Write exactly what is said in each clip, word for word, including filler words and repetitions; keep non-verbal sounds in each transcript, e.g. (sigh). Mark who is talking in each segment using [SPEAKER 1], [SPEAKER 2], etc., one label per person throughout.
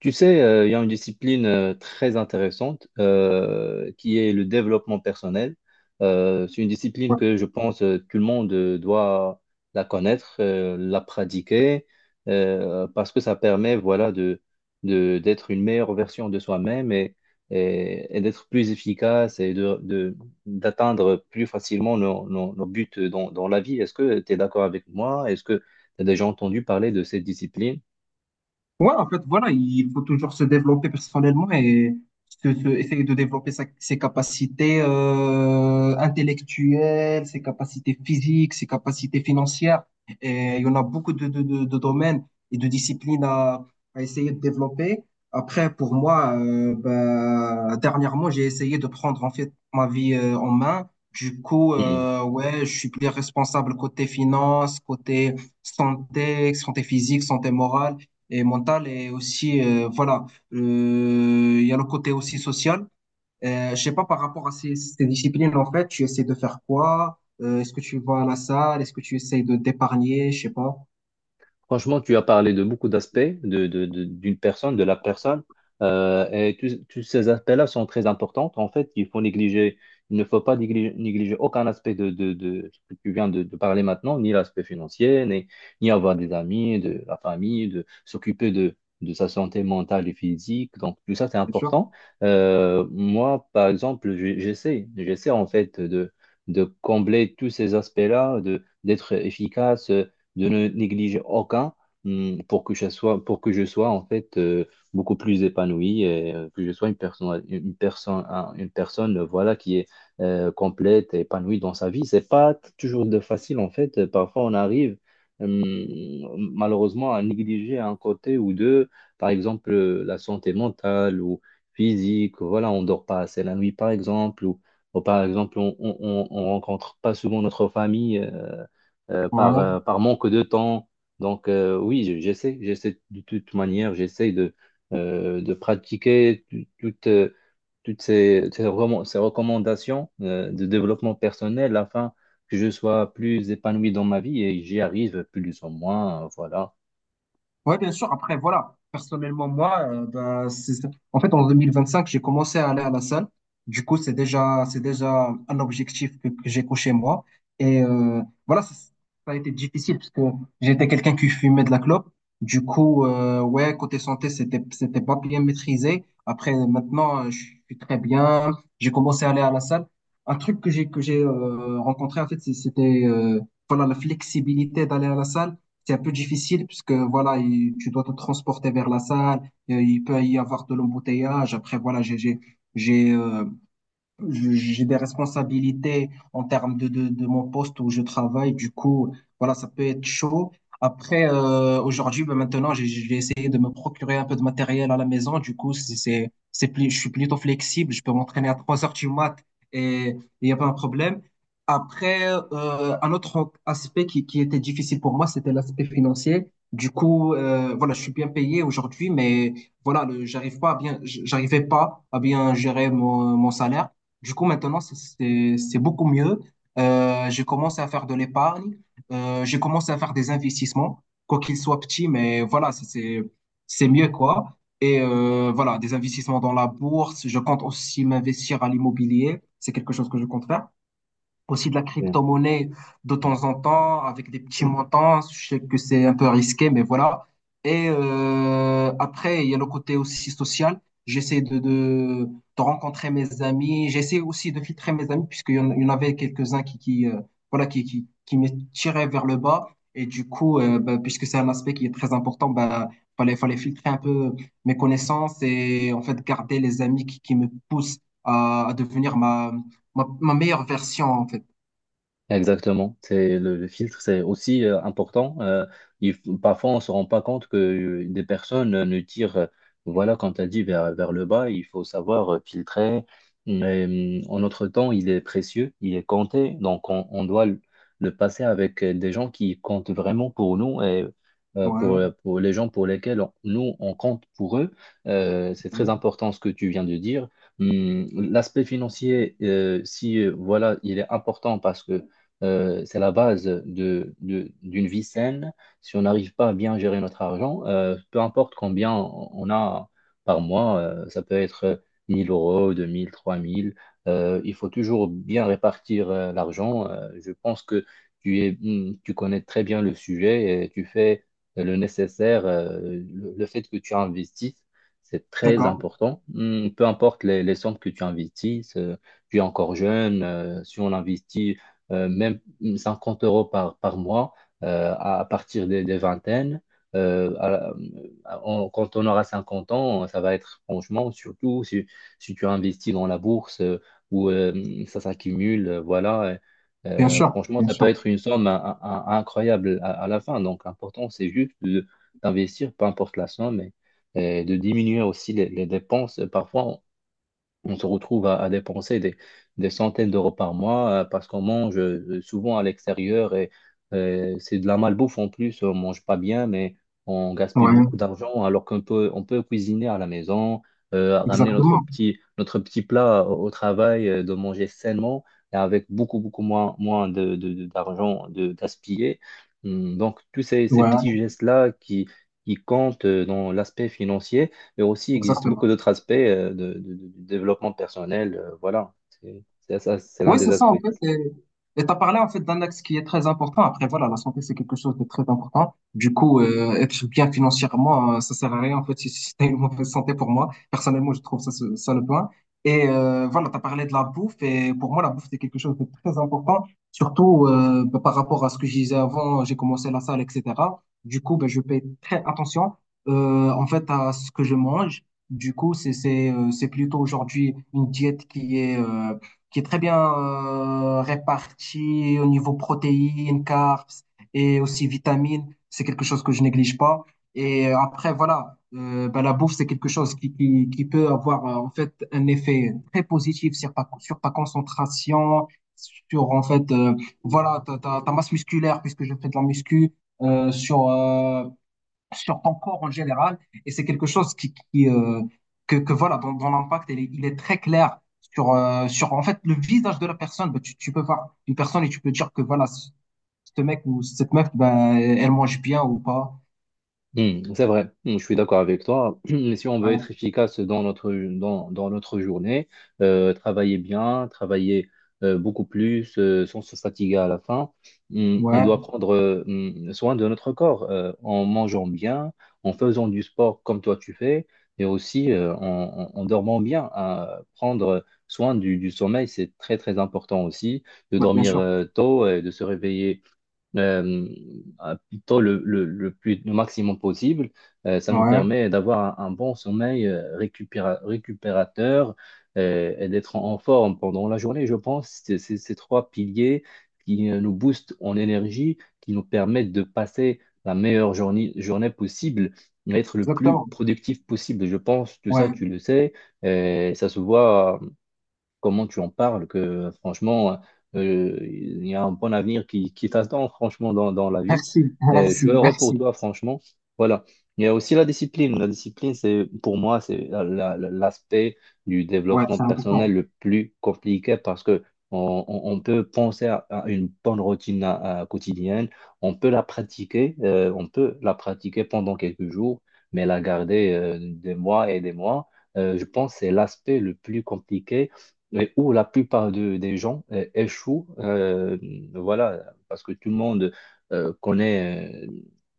[SPEAKER 1] Tu sais, euh, il y a une discipline euh, très intéressante euh, qui est le développement personnel. Euh, c'est une discipline
[SPEAKER 2] Ouais.
[SPEAKER 1] que je pense euh, tout le monde euh, doit la connaître, euh, la pratiquer, euh, parce que ça permet, voilà, de, de- d'être une meilleure version de soi-même et, et- et d'être plus efficace Et de, de- d'atteindre plus facilement nos, nos- nos buts dans, dans la vie. Est-ce que tu es d'accord avec moi? Est-ce que tu as déjà entendu parler de cette discipline?
[SPEAKER 2] Ouais, en fait, voilà, il faut toujours se développer personnellement et se- se- essayer de développer sa- ses capacités euh, intellectuelles, ses capacités physiques, ses capacités financières. Et il y en a beaucoup de, de, de, de domaines et de disciplines à, à essayer de développer. Après, pour moi, euh, ben, dernièrement, j'ai essayé de prendre en fait ma vie euh, en main. Du coup, euh, ouais, je suis plus responsable côté finance, côté santé, santé physique, santé morale et mentale et aussi, euh, voilà, euh, il y a le côté aussi social. Euh, je sais pas par rapport à ces, ces disciplines, en fait, tu essaies de faire quoi? Euh, est-ce que tu vas à la salle? Est-ce que tu essaies de d'épargner? Je sais pas.
[SPEAKER 1] Franchement, tu as parlé de beaucoup d'aspects de, de- de- d'une personne, de la personne, euh, et tous tous ces aspects-là sont très importants. En fait, il faut négliger, il ne faut pas négliger, négliger aucun aspect de, de, de ce que tu viens de, de parler maintenant, ni l'aspect financier, ni, ni avoir des amis, de la famille, de s'occuper de, de sa santé mentale et physique. Donc, tout ça, c'est
[SPEAKER 2] Bien sûr.
[SPEAKER 1] important. Euh, moi, par exemple, j'ai- j'essaie, j'essaie en fait de, de, combler tous ces aspects-là, de, d'être efficace de ne négliger aucun hum, pour que je sois, pour que je sois en fait euh, beaucoup plus épanoui et euh, que je sois une personne, une personne, un- une personne euh, voilà, qui est euh, complète et épanouie dans sa vie. C'est pas t- toujours de facile en fait. Euh, Parfois, on arrive hum, malheureusement à négliger un côté ou deux, par exemple euh, la santé mentale ou physique. Voilà, on dort pas assez la nuit, par exemple, ou, ou par exemple, on, on, rencontre pas souvent notre famille, euh, euh, par,
[SPEAKER 2] Ouais,
[SPEAKER 1] euh, par manque de temps. Donc, euh, oui, je- j'essaie, j'essaie de toute manière, j'essaie de, euh, de pratiquer tout- toutes, euh, toutes ces, ces recomm- ces recommandations euh, de développement personnel afin que je sois plus épanoui dans ma vie et j'y arrive plus ou moins, euh, voilà.
[SPEAKER 2] ouais, bien sûr. Après, voilà. Personnellement, moi, euh, ben, c'est... ça. En fait, en deux mille vingt-cinq, j'ai commencé à aller à la salle. Du coup, c'est déjà, c'est déjà un objectif que, que j'ai coché moi. Et euh, voilà, ça, ça a été difficile parce que j'étais quelqu'un qui fumait de la clope. Du coup, euh, ouais, côté santé, c'était, c'était pas bien maîtrisé. Après, maintenant, euh, je suis très bien. J'ai commencé à aller à la salle. Un truc que j'ai que j'ai euh, rencontré, en fait, c'est- c'était euh, voilà, la flexibilité d'aller à la salle, c'est un peu difficile puisque voilà, il- tu dois te transporter vers la salle, euh, il peut y avoir de l'embouteillage. Après, voilà, j'ai j'ai j'ai euh, je- j'ai des responsabilités en termes de, de, de mon poste où je travaille. Du coup, voilà, ça peut être chaud. Après, euh, aujourd'hui, ben maintenant, j'ai j'ai essayé de me procurer un peu de matériel à la maison. Du coup, c'est, c'est, c'est plus, je suis plutôt flexible. Je peux m'entraîner à trois heures du mat et il n'y a pas un problème. Après, euh, un autre aspect qui, qui était difficile pour moi, c'était l'aspect financier. Du coup, euh, voilà, je suis bien payé aujourd'hui, mais voilà, le- j'arrive pas à bien, j'arrivais pas à bien gérer mon, mon salaire. Du coup, maintenant, c'est c'est- c'est beaucoup mieux. Euh, j'ai commencé à faire de l'épargne. Euh, j'ai commencé à faire des investissements, quoi qu'ils soient petits, mais voilà, c'est c'est c'est mieux, quoi. Et euh, voilà, des investissements dans la bourse. Je compte aussi m'investir à l'immobilier. C'est quelque chose que je compte faire aussi de la
[SPEAKER 1] Mm.
[SPEAKER 2] crypto-monnaie de temps en temps avec des petits montants. Je sais que c'est un peu risqué, mais voilà. Et euh, après, il y a le côté aussi social. J'essaie de, de, de rencontrer mes amis. J'essaie aussi de filtrer mes amis, puisqu'il y en, il y en avait quelques-uns qui, qui, euh, voilà, qui, qui, qui me tiraient vers le bas. Et du coup, euh, ben, puisque c'est un aspect qui est très important, ben, fallait, fallait filtrer un peu mes connaissances et en fait garder les amis qui, qui me poussent à, à devenir ma, ma, ma meilleure version, en fait.
[SPEAKER 1] Exactement, c'est le, le filtre, c'est aussi euh, important. Euh, il faut- parfois, on se rend pas compte que euh, des personnes euh, ne tirent, euh, voilà, comme tu as dit, vers, vers le bas. Il faut savoir euh, filtrer. Mais, euh, en notre temps, il est précieux, il est compté, donc on, on doit le, le passer avec euh, des gens qui comptent vraiment pour nous et euh, pour,
[SPEAKER 2] Ouais,
[SPEAKER 1] euh, pour les gens pour lesquels on- nous, on compte pour eux. Euh, c'est très
[SPEAKER 2] ouais.
[SPEAKER 1] important ce que tu viens de dire. Hum, L'aspect financier, euh, si euh, voilà, il est important parce que euh, c'est la base de, de- d'une vie saine. Si on n'arrive pas à bien gérer notre argent, euh, peu importe combien on a par mois, euh, ça peut être mille euros, deux mille, trois mille, euh, il faut toujours bien répartir euh, l'argent. Euh, je pense que tu es, hmm, tu connais très bien le sujet et tu fais le nécessaire. euh, le, le fait que tu investis, c'est très
[SPEAKER 2] D'accord,
[SPEAKER 1] important. Hmm, peu importe les, les sommes que tu investisses, euh, tu es encore jeune, euh, si on investit euh, même cinquante euros par, par mois euh, à partir des, des vingtaines. Euh, à- à- on- Quand on aura cinquante ans, ça va être franchement, surtout si, si, tu investis dans la bourse euh, où euh, ça s'accumule, euh, voilà.
[SPEAKER 2] bien
[SPEAKER 1] Euh,
[SPEAKER 2] sûr,
[SPEAKER 1] franchement,
[SPEAKER 2] bien
[SPEAKER 1] ça peut
[SPEAKER 2] sûr.
[SPEAKER 1] être une somme in- in- incroyable à, à la fin. Donc, l'important, c'est juste de- d'investir, peu importe la somme, et, et de diminuer aussi les, les dépenses. Parfois, on se retrouve à, à dépenser des, des centaines d'euros par mois euh, parce qu'on mange euh, souvent à l'extérieur et euh, c'est de la malbouffe en plus. On mange pas bien, mais on gaspille
[SPEAKER 2] Ouais,
[SPEAKER 1] beaucoup d'argent alors qu'on peut, on peut, cuisiner à la maison, euh, ramener notre
[SPEAKER 2] exactement.
[SPEAKER 1] petit, notre petit plat au, au travail, euh, de manger sainement et avec beaucoup, beaucoup moins, moins de, de- de- d'argent de gaspillé. Hum, Donc, tous ces, ces
[SPEAKER 2] Ouais,
[SPEAKER 1] petits gestes-là qui, qui comptent euh, dans l'aspect financier, mais aussi il existe beaucoup
[SPEAKER 2] exactement.
[SPEAKER 1] d'autres aspects euh, de, de- de- du développement personnel. Euh, voilà, c'est c'est ça, c'est l'un
[SPEAKER 2] Oui,
[SPEAKER 1] des
[SPEAKER 2] c'est ça,
[SPEAKER 1] aspects.
[SPEAKER 2] en fait. Et tu as parlé, en fait, d'un axe qui est très important. Après, voilà, la santé, c'est quelque chose de très important. Du coup, euh, être bien financièrement, euh, ça sert à rien, en fait, si, si t'as une mauvaise santé pour moi. Personnellement, je trouve ça, ce- ça le point. Et euh, voilà, tu as parlé de la bouffe. Et pour moi, la bouffe, c'est quelque chose de très important. Surtout euh, bah, par rapport à ce que je disais avant, j'ai commencé la salle, et cetera. Du coup, ben je fais très attention, euh, en fait, à ce que je mange. Du coup, c'est, c'est, euh, c'est plutôt aujourd'hui une diète qui est... euh, qui est très bien euh, réparti au niveau protéines, carbs et aussi vitamines. C'est quelque chose que je néglige pas. Et euh, après, voilà, euh, ben, la bouffe, c'est quelque chose qui, qui, qui peut avoir euh, en fait un effet très positif sur ta, sur ta concentration, sur en fait, euh, voilà, ta, ta, ta masse musculaire, puisque je fais de la muscu, euh, sur euh, sur ton corps en général. Et c'est quelque chose qui, qui, euh, que, que voilà, dans, dans l'impact, il, est- il est très clair sur, euh, sur en fait le visage de la personne. Bah, tu, tu peux voir une personne et tu peux dire que voilà, ce ce mec ou cette meuf, ben elle mange bien ou pas.
[SPEAKER 1] Hmm, c'est vrai. Hmm, je suis d'accord avec toi. (clears throat) Mais si on veut
[SPEAKER 2] Ouais,
[SPEAKER 1] être efficace dans notre, dans, dans notre journée, euh, travailler bien, travailler euh, beaucoup plus euh, sans se fatiguer à la fin, hmm, on
[SPEAKER 2] ouais,
[SPEAKER 1] doit prendre euh, hmm, soin de notre corps euh, en mangeant bien, en faisant du sport comme toi tu fais, et aussi euh, en, en- en dormant bien, hein. Prendre soin du, du sommeil, c'est très très important aussi, de
[SPEAKER 2] ouais, bien
[SPEAKER 1] dormir
[SPEAKER 2] sûr.
[SPEAKER 1] euh, tôt et de se réveiller euh, à plutôt le, le, le plus, le maximum possible. Euh, ça nous
[SPEAKER 2] Ouais,
[SPEAKER 1] permet d'avoir un, un bon sommeil euh, récupéra- récupérateur euh, et d'être en en forme pendant la journée. Je pense que c'est ces trois piliers qui euh, nous boostent en énergie, qui nous permettent de passer la meilleure journée, journée possible, d'être le plus
[SPEAKER 2] exactement.
[SPEAKER 1] productif possible. Je pense que ça,
[SPEAKER 2] Ouais,
[SPEAKER 1] tu le sais, et ça se voit comment tu en parles, que franchement, euh, il y a un bon avenir qui, qui t'attend, franchement, dans, dans la vie.
[SPEAKER 2] merci, (laughs)
[SPEAKER 1] Et je suis
[SPEAKER 2] merci,
[SPEAKER 1] heureux pour
[SPEAKER 2] merci.
[SPEAKER 1] toi, franchement. Voilà. Il y a aussi la discipline. La discipline, c'est, pour moi, c'est la- la- la- l'aspect du
[SPEAKER 2] Ouais,
[SPEAKER 1] développement
[SPEAKER 2] c'est important.
[SPEAKER 1] personnel le plus compliqué parce que on, on- on peut penser à, à, une bonne routine à- à quotidienne, on peut la pratiquer, euh, on peut la pratiquer pendant quelques jours, mais la garder euh, des mois et des mois, euh, je pense que c'est l'aspect le plus compliqué mais où la plupart de- des gens euh, échouent, euh, voilà, parce que tout le monde euh, connaît euh,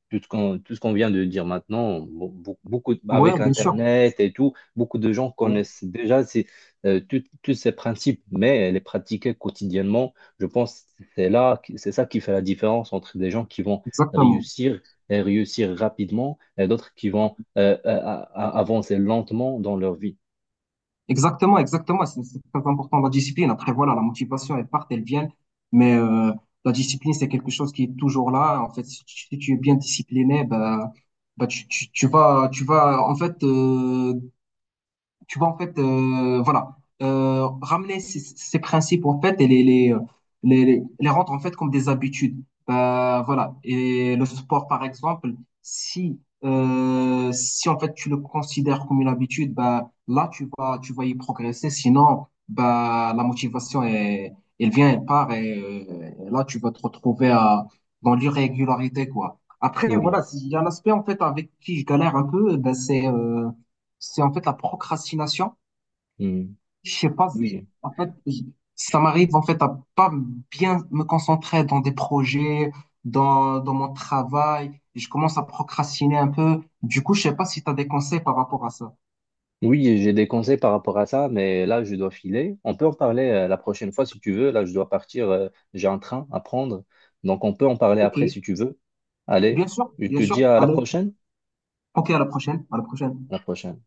[SPEAKER 1] tout ce qu'on tout ce qu'on vient de dire maintenant. Bon, beaucoup, beaucoup- avec
[SPEAKER 2] Ouais, bien sûr.
[SPEAKER 1] Internet et tout, beaucoup de gens
[SPEAKER 2] Ouais,
[SPEAKER 1] connaissent déjà ces, euh, tout- tous ces principes, mais les pratiquer quotidiennement, je pense que c'est là, c'est ça qui fait la différence entre des gens qui vont
[SPEAKER 2] exactement.
[SPEAKER 1] réussir et réussir rapidement et d'autres qui vont euh, euh, a- a- avancer lentement dans leur vie.
[SPEAKER 2] Exactement, exactement. C'est c'est très important la discipline. Après, voilà, la motivation, elle part, elle vient. Mais euh, la discipline, c'est quelque chose qui est toujours là. En fait, si tu, si tu es bien discipliné, bah, bah tu, tu, tu vas, tu vas, en fait, euh, tu vois, en fait, euh, voilà, euh, ramener ces, ces principes, en fait, et les, les, les, les rendre, en fait, comme des habitudes. Euh, voilà. Et le sport, par exemple, si, euh, si, en fait, tu le considères comme une habitude, bah, là, tu vas, tu vas y progresser. Sinon, bah, la motivation, est, elle vient, elle part, et, euh, et là, tu vas te retrouver à, dans l'irrégularité, quoi. Après,
[SPEAKER 1] Oui.
[SPEAKER 2] voilà, il y a un aspect, en fait, avec qui je galère un peu, bah, c'est, euh, c'est en fait la procrastination.
[SPEAKER 1] Mm.
[SPEAKER 2] Je sais pas,
[SPEAKER 1] Oui.
[SPEAKER 2] en fait, j- ça m'arrive en fait à pas bien me concentrer dans des projets, dans, dans mon travail. Je commence à procrastiner un peu. Du coup, je sais pas si tu as des conseils par rapport à ça.
[SPEAKER 1] Oui, j'ai des conseils par rapport à ça, mais là, je dois filer. On peut en parler euh, la prochaine fois si tu veux. Là, je dois partir. Euh, j'ai un train à prendre. Donc, on peut en parler
[SPEAKER 2] Ok,
[SPEAKER 1] après si tu veux. Allez,
[SPEAKER 2] bien sûr,
[SPEAKER 1] je te
[SPEAKER 2] bien
[SPEAKER 1] dis
[SPEAKER 2] sûr.
[SPEAKER 1] à la
[SPEAKER 2] Allez,
[SPEAKER 1] prochaine.
[SPEAKER 2] ok, à la prochaine, à la prochaine.
[SPEAKER 1] À La prochaine.